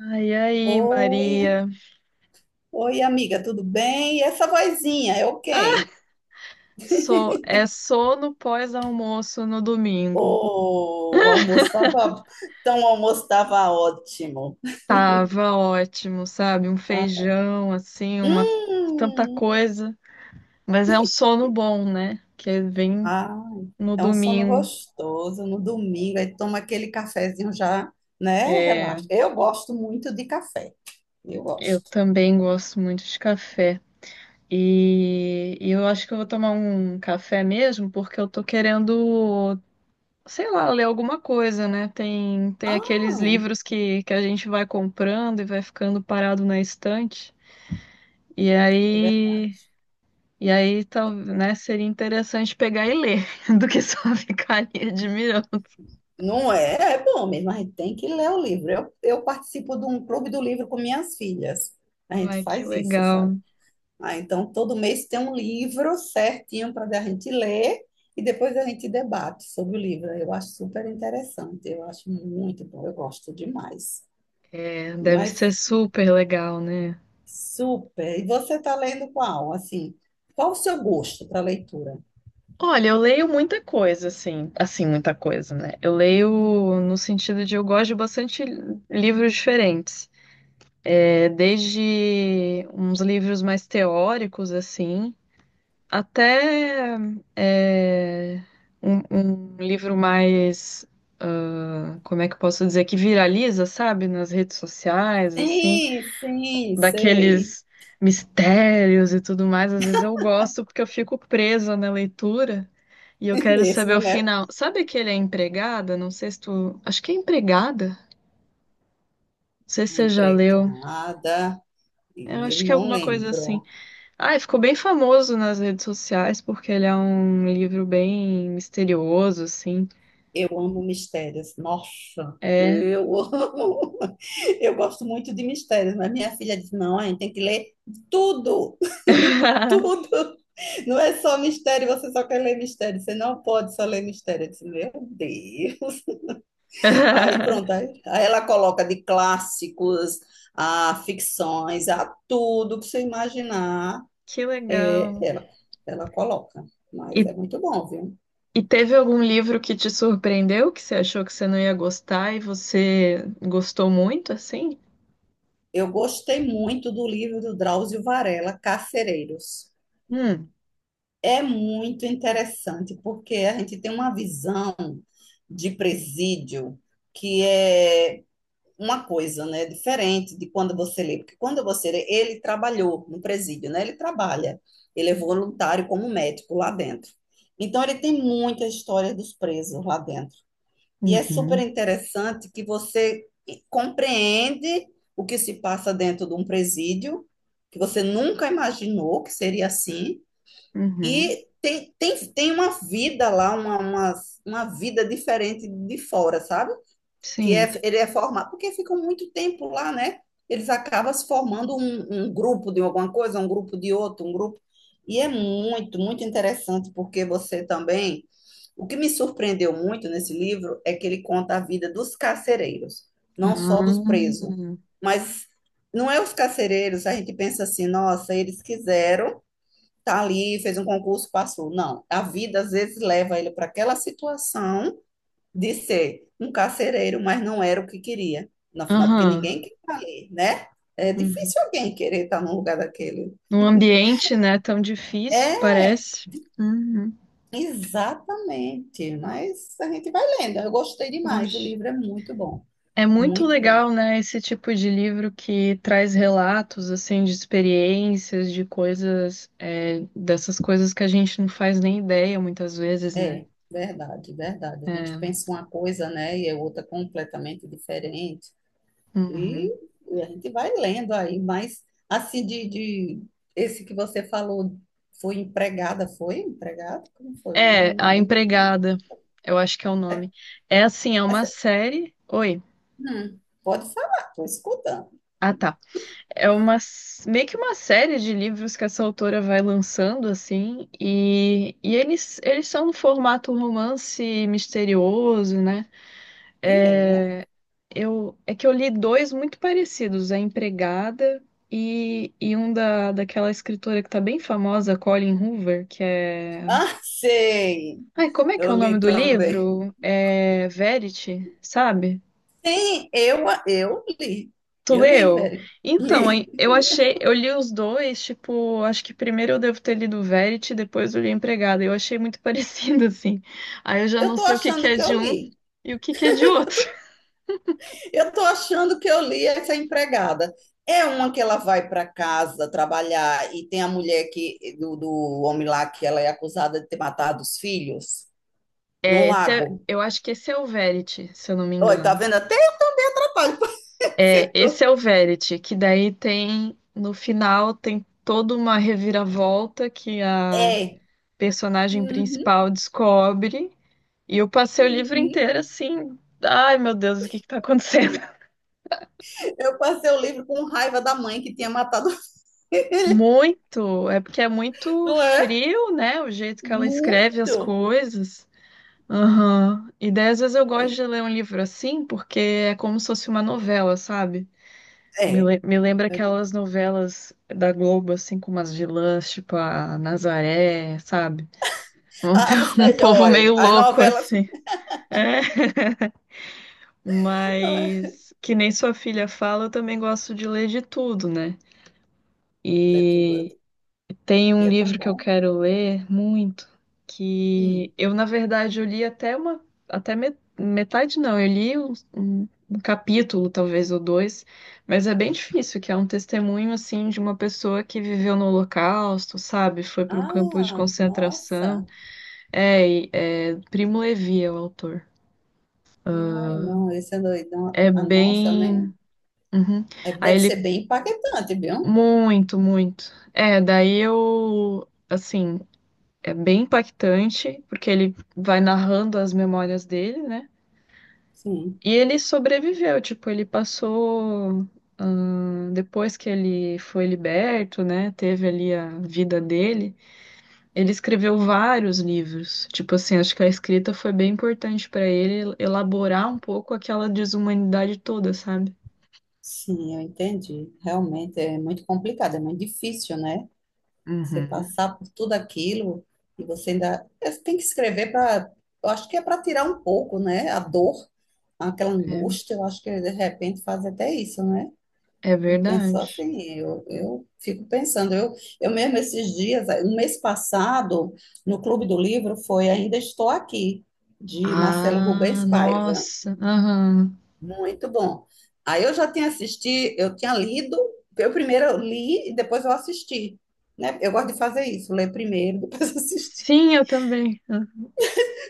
Ai, aí, Oi, Maria. oi amiga, tudo bem? E essa vozinha é o quê? So, é sono pós-almoço no domingo. Oh, o almoço estava, então o almoço estava ótimo. Tava ótimo, sabe? Um Ah, feijão, assim, uma hum, tanta coisa. Mas é um sono bom, né? Que vem ai, no é um sono domingo. gostoso no domingo, aí toma aquele cafezinho já, né? É, Relaxa. Eu gosto muito de café, eu eu gosto. também gosto muito de café. E eu acho que eu vou tomar um café mesmo, porque eu tô querendo sei lá, ler alguma coisa, né? Tem Ah, aqueles livros que a gente vai comprando e vai ficando parado na estante. E é ver- aí, e aí tal, né, seria interessante pegar e ler, do que só ficar ali admirando. não é, é bom mesmo, a gente tem que ler o livro. Eu participo de um clube do livro com minhas filhas. A gente Ai, que faz isso, sabe? legal. Ah, então, todo mês tem um livro certinho para a gente ler e depois a gente debate sobre o livro. Eu acho super interessante, eu acho muito bom, eu gosto demais. É, deve Mas ser super legal, né? super. E você está lendo qual? Assim, qual o seu gosto para leitura? Olha, eu leio muita coisa, assim, muita coisa, né? Eu leio no sentido de eu gosto de bastante livros diferentes. É, desde uns livros mais teóricos, assim, até é, um livro mais, ah, como é que eu posso dizer, que viraliza, sabe, nas redes sociais, assim, Sim, sim, sei. daqueles mistérios e tudo mais. Às vezes eu gosto porque eu fico presa na leitura e eu quero saber Mesmo, o né? final. Sabe aquele É Empregada? Não sei se tu... Acho que é Empregada. Não sei A se você já leu. empregada, Eu eu acho que é não alguma coisa assim. lembro. Ah, e ficou bem famoso nas redes sociais porque ele é um livro bem misterioso, assim. Eu amo mistérios. Nossa, É. eu amo. Eu gosto muito de mistérios, mas minha filha disse: não, a gente tem que ler tudo, tudo. Não é só mistério, você só quer ler mistério, você não pode só ler mistério. Eu disse: meu Deus. Aí pronto, aí ela coloca de clássicos a ficções, a tudo que você imaginar, Que é, legal. ela coloca. Mas E, é muito bom, viu? e teve algum livro que te surpreendeu, que você achou que você não ia gostar e você gostou muito, assim? Eu gostei muito do livro do Drauzio Varela, Carcereiros. Hum. É muito interessante, porque a gente tem uma visão de presídio que é uma coisa, né, diferente de quando você lê, porque quando você lê, ele trabalhou no presídio, né? Ele trabalha, ele é voluntário como médico lá dentro. Então ele tem muita história dos presos lá dentro. E é super Uhum. interessante que você compreende o que se passa dentro de um presídio, que você nunca imaginou que seria assim Uhum. e tem uma vida lá, uma vida diferente de fora, sabe? Que Sim. é, ele é formado, porque ficam muito tempo lá, né? Eles acabam se formando um grupo de alguma coisa, um grupo de outro, um grupo. E é muito, muito interessante, porque você também. O que me surpreendeu muito nesse livro é que ele conta a vida dos carcereiros, não só dos presos. Ah. Mas não é os carcereiros, a gente pensa assim, nossa, eles quiseram tá ali, fez um concurso, passou. Não, a vida às vezes leva ele para aquela situação de ser um carcereiro, mas não era o que queria. Afinal, porque Aham. ninguém quer estar ali, né? É Uhum. difícil alguém querer estar num lugar daquele. Num ambiente, né, tão difícil, É, parece. Uhum. exatamente. Mas a gente vai lendo. Eu gostei demais. O Poxa. livro é muito bom. É muito Muito bom. legal, né, esse tipo de livro que traz relatos, assim, de experiências, de coisas, é, dessas coisas que a gente não faz nem ideia muitas vezes, né? É, verdade, verdade. A gente É, pensa uma coisa, né? E é outra completamente diferente. E uhum. a gente vai lendo aí, mas assim de esse que você falou foi empregada, foi empregada? Como foi? Não, não, É, A não, eu não. Empregada, eu acho que é o nome. É assim, é Mas, uma série. Oi. Pode falar, estou escutando. Ah, tá. É uma meio que uma série de livros que essa autora vai lançando assim, e eles são no formato romance misterioso, né? E é, né? É, eu, é que eu li dois muito parecidos, A Empregada e um daquela escritora que tá bem famosa, Colleen Hoover, que é... Ah, sei, Ai, como é que eu é o nome li do também. livro? É Verity, sabe? Sim, eu li, Tu eu li, leu? Veri, Então, aí, li. eu achei, eu li os dois, tipo, acho que primeiro eu devo ter lido Verity, depois eu li Empregada. Eu achei muito parecido, assim. Aí eu já Eu não estou sei o que que achando é que eu de um li. e o que que é de outro. Eu estou achando que eu li essa empregada. É uma que ela vai para casa trabalhar e tem a mulher que, do homem lá que ela é acusada de ter matado os filhos no É, lago. eu acho que esse é o Verity, se eu não me Oi, tá engano. vendo? Até eu atrapalho. É, esse é o Verity, que daí tem, no final, tem toda uma reviravolta que a É. personagem Uhum, principal descobre. E eu passei o livro uhum. inteiro assim, ai meu Deus, o que que tá acontecendo? Eu passei o livro com raiva da mãe que tinha matado o filho. Muito, é porque é muito Não é? frio, né, o jeito que ela escreve as Muito. coisas. Aham. E daí às vezes eu gosto de ler um livro assim, porque é como se fosse uma novela, sabe? É. Me lembra aquelas novelas da Globo, assim, com umas vilãs, tipo a Nazaré, sabe? Um, As um povo melhores, meio as louco, novelas. assim. É. É Mas, que nem sua filha fala, eu também gosto de ler de tudo, né? É tudo. E tem E um é tão livro que eu bom. quero ler muito, Hum. que eu, na verdade, eu li até uma, até me- metade não, eu li um, um capítulo, talvez, ou dois, mas é bem difícil, que é um testemunho, assim, de uma pessoa que viveu no Holocausto, sabe? Foi para um campo de Ah, concentração. nossa. É, é Primo Levi é o autor. Ai, não, esse é doidão. É A nossa, né? bem... Uhum. É, Aí deve ser ele... bem impactante, viu? Muito, muito. É, daí eu... Assim, é bem impactante, porque ele vai narrando as memórias dele, né? Sim, E ele sobreviveu, tipo, ele passou. Hum, depois que ele foi liberto, né? Teve ali a vida dele. Ele escreveu vários livros. Tipo assim, acho que a escrita foi bem importante para ele elaborar um pouco aquela desumanidade toda, sabe? sim, eu entendi. Realmente é muito complicado, é muito difícil, né? Você Uhum. passar por tudo aquilo e você ainda é, você tem que escrever para. Eu acho que é para tirar um pouco, né? A dor, aquela angústia. Eu acho que de repente faz até isso, né? É Eu penso verdade. assim, eu fico pensando, eu mesmo esses dias, um mês passado, no Clube do Livro, foi Ainda Estou Aqui, de Marcelo Ah, Rubens Paiva. nossa. Aham. Muito bom. Aí eu já tinha assistido, eu tinha lido, eu primeiro li e depois eu assisti, né? Eu gosto de fazer isso, ler primeiro, depois assistir. Sim, eu também.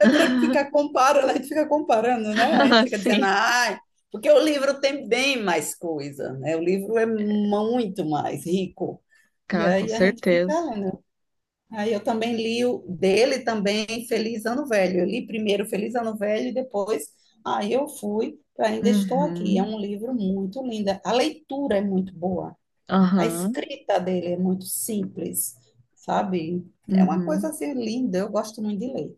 É para ficar comparando, a gente fica comparando, né? A gente fica dizendo, Sim. ai, porque o livro tem bem mais coisa, né? O livro é muito mais rico. E Cara, com aí a gente certeza. fica lendo. Aí eu também li o dele também, Feliz Ano Velho. Eu li primeiro Feliz Ano Velho e depois aí eu fui para Ainda Estou Aqui. É Uhum. um livro muito lindo. A leitura é muito boa. A Aham. escrita dele é muito simples, sabe? É uma coisa Uhum. assim linda. Eu gosto muito de ler.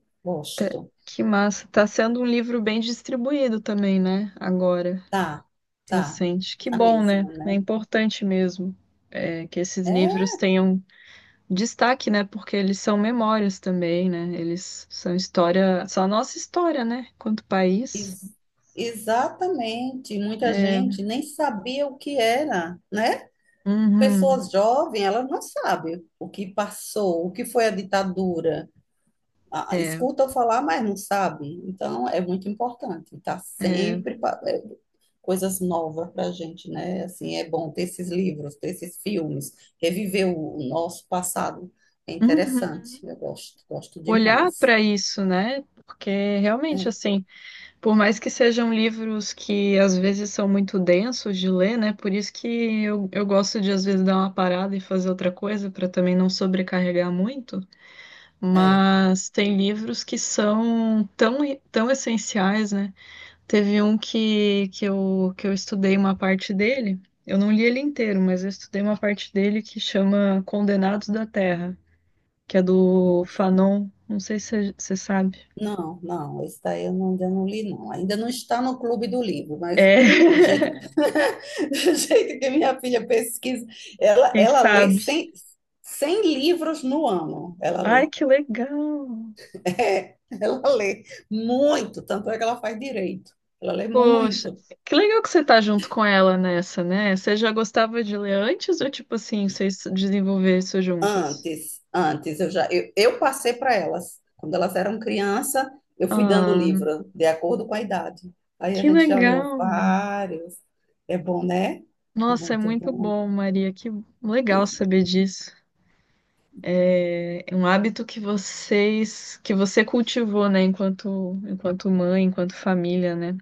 Tá- Gosto. que massa. Tá sendo um livro bem distribuído também, né? Agora, Tá, tá, recente. Que tá bom, né? mesmo, É né? importante mesmo, é, que esses É, livros tenham destaque, né? Porque eles são memórias também, né? Eles são história, são a nossa história, né? Quanto país. ex- Exatamente. Muita É. gente nem sabia o que era, né? Uhum. Pessoas jovens, elas não sabem o que passou, o que foi a ditadura. Ah, É, escuta falar, mas não sabe. Então, é muito importante. É. É, coisas novas para a gente, né? Assim, é bom ter esses livros, ter esses filmes, reviver o nosso passado. É interessante. Uhum. Eu gosto, gosto Olhar demais. para isso, né? Porque realmente, É. assim. Por mais que sejam livros que às vezes são muito densos de ler, né? Por isso que eu gosto de às vezes dar uma parada e fazer outra coisa para também não sobrecarregar muito. É. Mas tem livros que são tão, tão essenciais, né? Teve um que eu estudei uma parte dele. Eu não li ele inteiro, mas eu estudei uma parte dele que chama Condenados da Terra, que é do Nossa, Fanon. Não sei se você sabe. não, não, esse daí eu não, ainda não li, não. Ainda não está no clube do livro, mas É, do jeito, do jeito que minha filha pesquisa, ela, quem ela lê sabe. 100, 100 livros no ano. Ela Ai, lê. que legal! É, ela lê muito, tanto é que ela faz direito. Ela lê Poxa, muito. que legal que você tá junto com ela nessa, né? Você já gostava de ler antes ou tipo assim, vocês desenvolveram isso juntas? Antes, antes, eu já, eu passei para elas. Quando elas eram criança, eu fui dando Ah, livro, de acordo com a idade. Aí a que gente já leu legal! vários. É bom, né? Nossa, é Muito muito bom. bom, Maria. Que legal saber disso. É um hábito que vocês, que você cultivou, né? Enquanto mãe, enquanto família, né?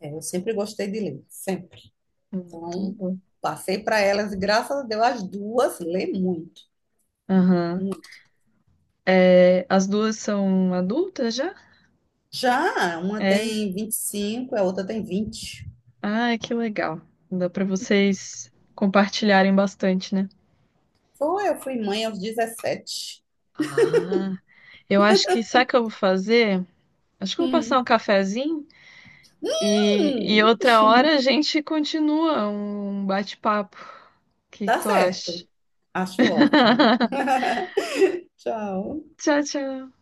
É, eu sempre gostei de ler, sempre. Muito Então, bom. passei para elas e graças a Deus as duas lê muito. Aham. É, as duas são adultas já? Já uma É. tem 25 a outra tem 20. Ah, que legal. Dá para vocês compartilharem bastante, né? Foi, eu fui mãe aos 17. Ah, eu acho que sabe o que eu vou fazer? Acho que eu vou passar um Hum. cafezinho e Hum, outra hora a gente continua um bate-papo. O que que tá tu acha? certo. Acho ótimo. Tchau. Tchau, tchau.